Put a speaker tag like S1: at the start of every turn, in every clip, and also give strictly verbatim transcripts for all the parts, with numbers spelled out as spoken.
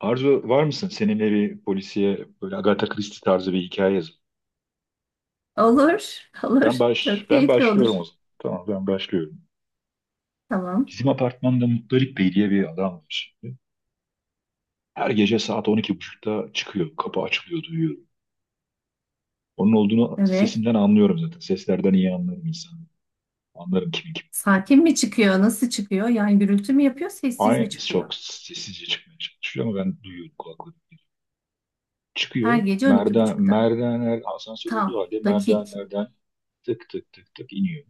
S1: Arzu var mısın? Seninle bir polisiye böyle Agatha Christie tarzı bir hikaye yazın.
S2: Olur, olur.
S1: Ben baş
S2: Çok
S1: ben
S2: keyifli olur.
S1: başlıyorum o zaman. Tamam ben başlıyorum.
S2: Tamam.
S1: Bizim apartmanda Muttalip Bey diye bir adam var şimdi. Her gece saat on iki buçukta çıkıyor. Kapı açılıyor duyuyorum. Onun olduğunu
S2: Evet.
S1: sesinden anlıyorum zaten. Seslerden iyi anlarım insanı. Anlarım kimin kim.
S2: Sakin mi çıkıyor? Nasıl çıkıyor? Yani gürültü mü yapıyor, sessiz mi
S1: Aynı
S2: çıkıyor?
S1: çok sessizce çıkmaya çalışıyor ama ben duyuyorum kulaklarım.
S2: Her
S1: Çıkıyor.
S2: gece on iki
S1: Merdiven,
S2: buçukta.
S1: merdivenler asansör olduğu
S2: Tam,
S1: halde
S2: dakik.
S1: merdivenlerden tık tık tık tık iniyor.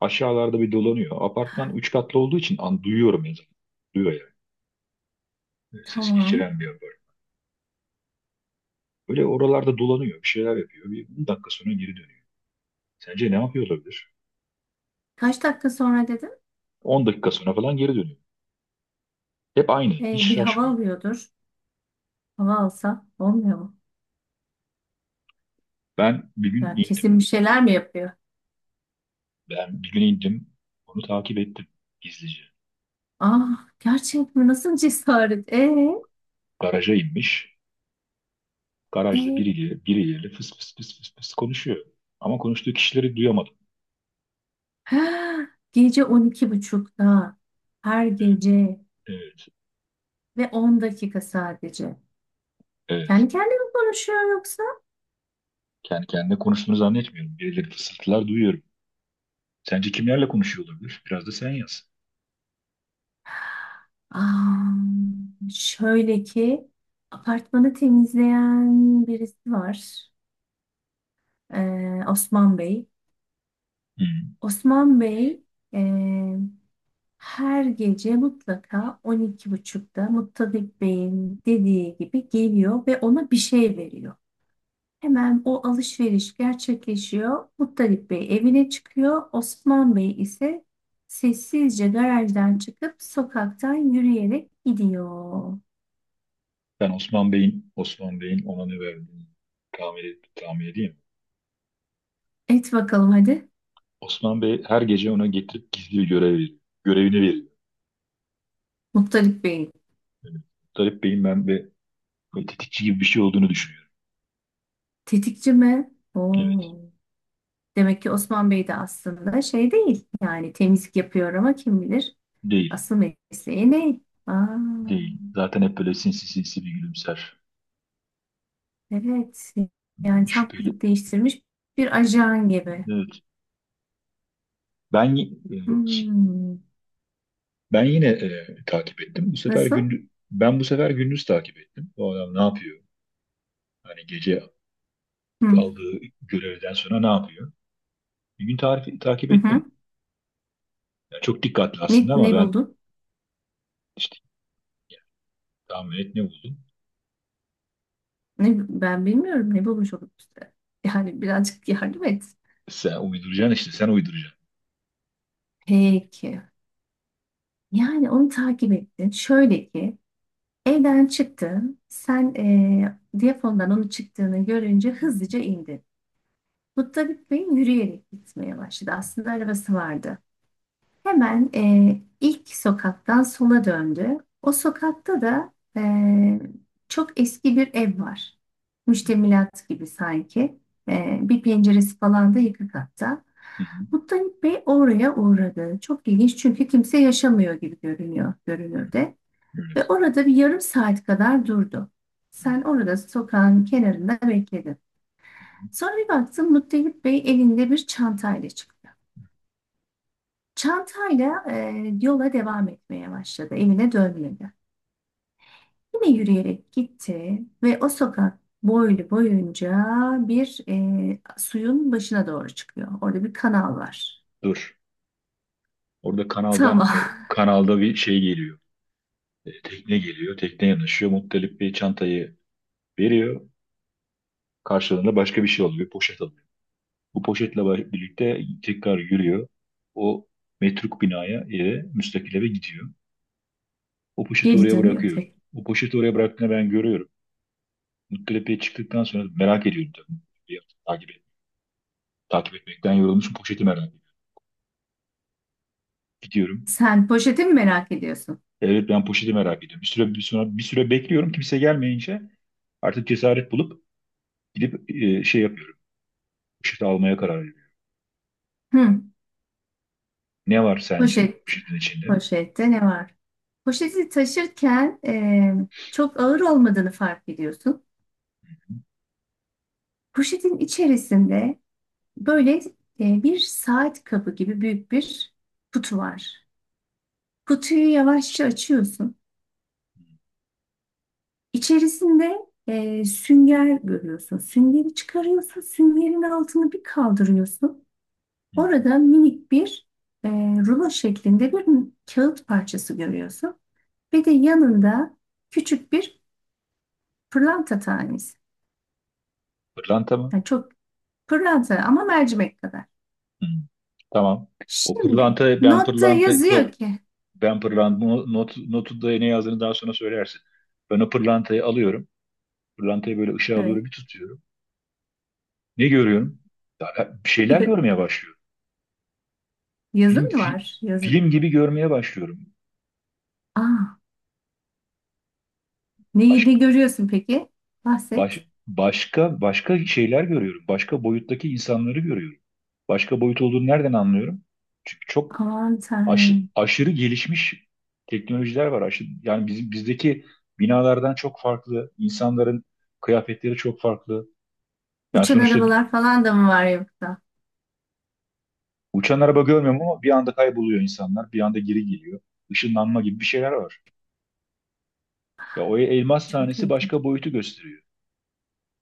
S1: Aşağılarda bir dolanıyor. Apartman üç katlı olduğu için an duyuyorum ya zaten. Duyuyor yani. E, Ses
S2: Tamam.
S1: geçiren bir apartman. Böyle oralarda dolanıyor. Bir şeyler yapıyor. Bir on dakika sonra geri dönüyor. Sence ne yapıyor olabilir?
S2: Kaç dakika sonra dedim?
S1: On dakika sonra falan geri dönüyor. Hep aynı. Hiç
S2: Ee, bir hava
S1: şaşmıyor.
S2: alıyordur. Hava alsa olmuyor mu?
S1: Ben bir gün
S2: Ya
S1: indim.
S2: kesin bir şeyler mi yapıyor?
S1: Ben bir gün indim. Onu takip ettim. Gizlice.
S2: Ah, gerçek mi? Nasıl cesaret? Ee,
S1: Garaja inmiş. Garajda
S2: ee.
S1: biriyle, biriyle fıs fıs fıs fıs fıs konuşuyor. Ama konuştuğu kişileri duyamadım.
S2: Gece on iki buçukta. Her
S1: Evet,
S2: gece
S1: evet.
S2: ve on dakika sadece.
S1: Evet.
S2: Kendi kendine mi konuşuyor yoksa?
S1: Kendi kendine konuştuğunu zannetmiyorum. Birileri fısıltılar duyuyorum. Sence kimlerle konuşuyor olabilir? Biraz da sen yaz.
S2: Aa, şöyle ki apartmanı temizleyen birisi var. Ee, Osman Bey.
S1: Hı.
S2: Osman Bey ee, her gece mutlaka on iki buçukta Muttadik Bey'in dediği gibi geliyor ve ona bir şey veriyor. Hemen o alışveriş gerçekleşiyor. Muttadik Bey evine çıkıyor. Osman Bey ise sessizce garajdan çıkıp sokaktan yürüyerek gidiyor.
S1: Ben Osman Bey'in Osman Bey'in ona ne verdiğini tahmin, tahmin edeyim.
S2: Et bakalım hadi.
S1: Osman Bey her gece ona getirip gizli bir görev veriyor. Görevini veriyor.
S2: Muhtarip Bey
S1: Evet. Tarık Bey'in ben ve ve tetikçi gibi bir şey olduğunu düşünüyorum.
S2: tetikçi mi?
S1: Evet.
S2: Oo. Demek ki Osman Bey de aslında şey değil. Yani temizlik yapıyor ama kim bilir
S1: Değil.
S2: asıl mesleği ne? Aa,
S1: Değil. Zaten hep böyle sinsi sinsi bir gülümser.
S2: evet. Yani tam
S1: Şüpheli.
S2: kılık değiştirmiş bir ajan gibi.
S1: Evet. Ben y- e,
S2: Hmm.
S1: Ben yine e, takip ettim. Bu sefer
S2: Nasıl?
S1: gündüz ben bu sefer gündüz takip ettim. Bu adam ne yapıyor? Hani gece
S2: Hı.
S1: aldığı görevden sonra ne yapıyor? Bir gün tarifi, takip
S2: Hı hı.
S1: ettim. Ya çok dikkatli
S2: Ne,
S1: aslında ama
S2: ne
S1: ben
S2: buldun?
S1: işte tahmin et ne buldum.
S2: Ne, ben bilmiyorum ne bulmuş olup işte. Yani birazcık yardım et.
S1: Sen uyduracaksın işte sen uyduracaksın.
S2: Peki. Yani onu takip ettin. Şöyle ki evden çıktı. Sen eee diyafondan onun çıktığını görünce hızlıca indi. Muttalip Bey yürüyerek gitmeye başladı. Aslında arabası vardı. Hemen eee, ilk sokaktan sola döndü. O sokakta da eee, çok eski bir ev var. Müştemilat gibi sanki. Eee, bir penceresi falan da yıkık hatta.
S1: Hı hı.
S2: Muttalip Bey oraya uğradı. Çok ilginç çünkü kimse yaşamıyor gibi görünüyor görünürde. Ve
S1: Evet.
S2: orada bir yarım saat kadar durdu. Sen orada sokağın kenarında bekledin. Sonra bir baktım, Muttalip Bey elinde bir çantayla çıktı. Çantayla e, yola devam etmeye başladı. Evine dönmedi. Yine yürüyerek gitti ve o sokak boylu boyunca bir e, suyun başına doğru çıkıyor. Orada bir kanal var.
S1: Dur. Orada
S2: Tamam.
S1: kanaldan e, kanalda bir şey geliyor. E, tekne geliyor. Tekne yanaşıyor. Muttalip bir çantayı veriyor. Karşılığında başka bir şey oluyor. Bir poşet alıyor. Bu poşetle ba- birlikte tekrar yürüyor. O metruk binaya eve, müstakil eve gidiyor. O poşeti
S2: Geri
S1: oraya
S2: dönüyor
S1: bırakıyor.
S2: tek.
S1: O poşeti oraya bıraktığını ben görüyorum. Muttalip'e çıktıktan sonra merak ediyorum tabii. Bir takip Takip etmekten yorulmuşum. Poşeti merak ediyorum. Gidiyorum.
S2: Sen poşeti mi merak ediyorsun?
S1: Evet ben poşeti merak ediyorum. Bir süre, bir sonra bir süre bekliyorum. Kimse gelmeyince artık cesaret bulup gidip e, şey yapıyorum. Poşeti almaya karar veriyorum.
S2: Hı.
S1: Ne var sence
S2: Poşet.
S1: poşetin içinde?
S2: Poşette ne var? Poşeti taşırken e, çok ağır olmadığını fark ediyorsun. Poşetin içerisinde böyle e, bir saat kabı gibi büyük bir kutu var. Kutuyu yavaşça açıyorsun. İçerisinde e, sünger görüyorsun. Süngeri çıkarıyorsun. Süngerin altını bir kaldırıyorsun.
S1: Hı.
S2: Orada minik bir e, rulo şeklinde bir kağıt parçası görüyorsun. Ve de yanında küçük bir pırlanta tanesi.
S1: Pırlanta mı?
S2: Yani çok pırlanta ama mercimek kadar.
S1: Hı. Tamam. O
S2: Şimdi
S1: pırlanta ben
S2: notta
S1: pırlanta
S2: yazıyor
S1: pır,
S2: ki.
S1: ben pırlanta not, notu da ne yazdığını daha sonra söylersin. Ben o pırlantayı alıyorum. Pırlantayı böyle ışığa
S2: Evet.
S1: doğru bir tutuyorum. Ne görüyorum? Ya, bir şeyler görmeye başlıyorum.
S2: Yazı
S1: Film
S2: mı
S1: fi-
S2: var? Yazı.
S1: Film gibi görmeye başlıyorum.
S2: Aa, neyi ne görüyorsun peki? Bahset.
S1: Baş, Başka başka şeyler görüyorum. Başka boyuttaki insanları görüyorum. Başka boyut olduğunu nereden anlıyorum? Çünkü çok
S2: Aman
S1: aşı-
S2: Tanrım.
S1: aşırı gelişmiş teknolojiler var. Aşı- yani bizim bizdeki binalardan çok farklı, insanların kıyafetleri çok farklı. Yani
S2: Uçan
S1: sonuçta
S2: arabalar falan da mı var yoksa?
S1: uçan araba görmüyorum ama bir anda kayboluyor insanlar, bir anda geri geliyor. Işınlanma gibi bir şeyler var. Ya o elmas
S2: Çok
S1: tanesi
S2: ilginç.
S1: başka boyutu gösteriyor.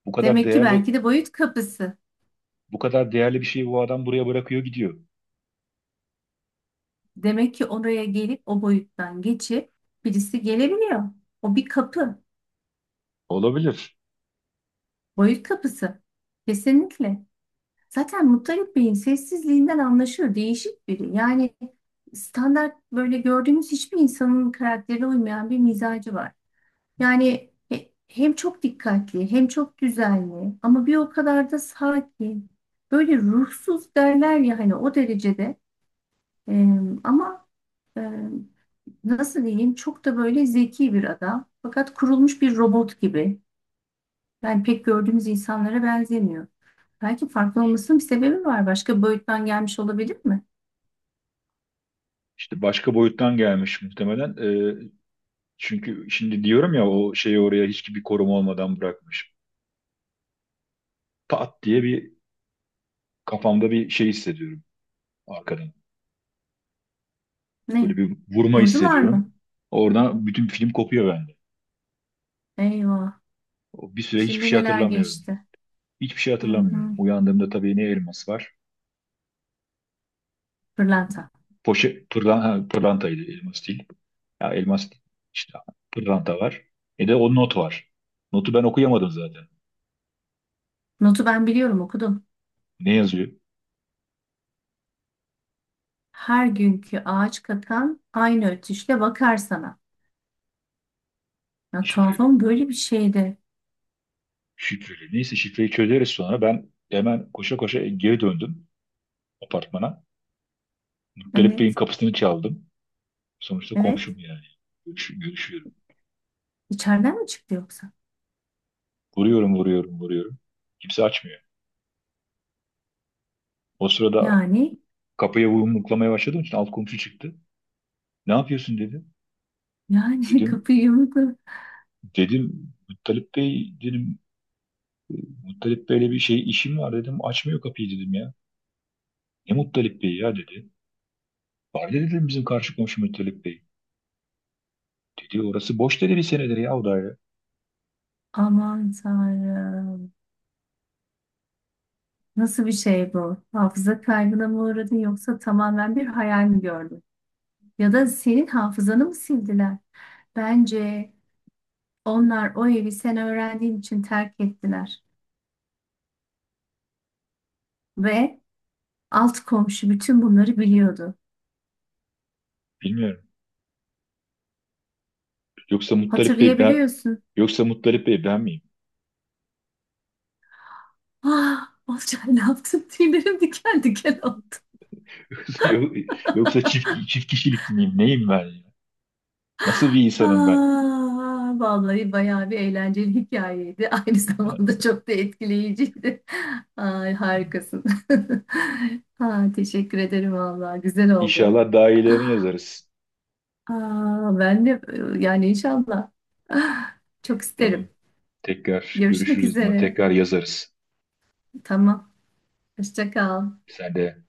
S1: Bu kadar
S2: Demek ki
S1: değerli,
S2: belki de boyut kapısı.
S1: Bu kadar değerli bir şeyi bu adam buraya bırakıyor gidiyor.
S2: Demek ki oraya gelip o boyuttan geçip birisi gelebiliyor. O bir kapı.
S1: Olabilir.
S2: Boyut kapısı. Kesinlikle. Zaten Muttalip Bey'in sessizliğinden anlaşılır. Değişik biri. Yani standart böyle gördüğümüz hiçbir insanın karakterine uymayan bir mizacı var. Yani he- hem çok dikkatli hem çok düzenli ama bir o kadar da sakin. Böyle ruhsuz derler ya hani o derecede. Ee, ama e, nasıl diyeyim çok da böyle zeki bir adam. Fakat kurulmuş bir robot gibi. Yani pek gördüğümüz insanlara benzemiyor. Belki farklı olmasının bir sebebi var. Başka boyuttan gelmiş olabilir mi?
S1: İşte başka boyuttan gelmiş muhtemelen. Ee, Çünkü şimdi diyorum ya o şeyi oraya hiç bir koruma olmadan bırakmış. Pat diye bir kafamda bir şey hissediyorum arkadan. Böyle
S2: Ne?
S1: bir vurma
S2: Vurdular
S1: hissediyorum.
S2: mı?
S1: Oradan bütün film kopuyor bende.
S2: Eyvah.
S1: O Bir süre hiçbir
S2: Şimdi
S1: şey
S2: neler
S1: hatırlamıyorum.
S2: geçti?
S1: Hiçbir şey
S2: Hı
S1: hatırlamıyorum.
S2: hı.
S1: Uyandığımda tabii ne elmas var?
S2: Pırlanta.
S1: Poşe, pırlan, ha, pırlantaydı, elmas değil. Ya elmas değil. İşte pırlanta var. E de o not var. Notu ben okuyamadım zaten.
S2: Notu ben biliyorum, okudum.
S1: Ne yazıyor?
S2: Her günkü ağaç kakan aynı ötüşle bakar sana. Ya tuhaf ama böyle bir şeydi.
S1: Şifreli. Neyse şifreyi çözeriz sonra. Ben hemen koşa koşa geri döndüm apartmana. Galip Bey'in
S2: Evet,
S1: kapısını çaldım. Sonuçta
S2: evet.
S1: komşum yani. Görüş- görüşüyorum.
S2: İçeriden mi çıktı yoksa?
S1: Vuruyorum, vuruyorum, vuruyorum. Kimse açmıyor. O sırada
S2: Yani,
S1: kapıya yumruklamaya başladığım için alt komşu çıktı. Ne yapıyorsun dedi.
S2: yani
S1: Dedim,
S2: kapıyı yumrukla.
S1: Dedim Muttalip Bey, dedim Muttalip Bey'le bir şey işim var dedim. Açmıyor kapıyı dedim ya. Ne Muttalip Bey ya dedi. Var dedi, dedim bizim karşı komşu Muttalip Bey. Dedi orası boş dedi bir senedir ya o daire.
S2: Aman Tanrım. Nasıl bir şey bu? Hafıza kaybına mı uğradın yoksa tamamen bir hayal mi gördün? Ya da senin hafızanı mı sildiler? Bence onlar o evi sen öğrendiğin için terk ettiler. Ve alt komşu bütün bunları biliyordu.
S1: Bilmiyorum. Yoksa Muttalip Bey ben
S2: Hatırlayabiliyorsun.
S1: Yoksa Muttalip Bey ben miyim?
S2: Ah, Olcay ne yaptın? Tüylerim diken diken oldu.
S1: Yok- Yoksa çift çift kişilik miyim? Neyim ben ya? Nasıl bir insanım ben?
S2: Aa, vallahi bayağı bir eğlenceli hikayeydi. Aynı zamanda çok da etkileyiciydi. Ay, harikasın. Ha, teşekkür ederim vallahi. Güzel oldu.
S1: İnşallah daha iyilerini yazarız.
S2: Aa, ben de e, yani inşallah. Ah, çok
S1: Tamam.
S2: isterim.
S1: Tekrar
S2: Görüşmek
S1: görüşürüz.
S2: üzere.
S1: Tekrar yazarız.
S2: Tamam. Hoşça kal.
S1: Sen de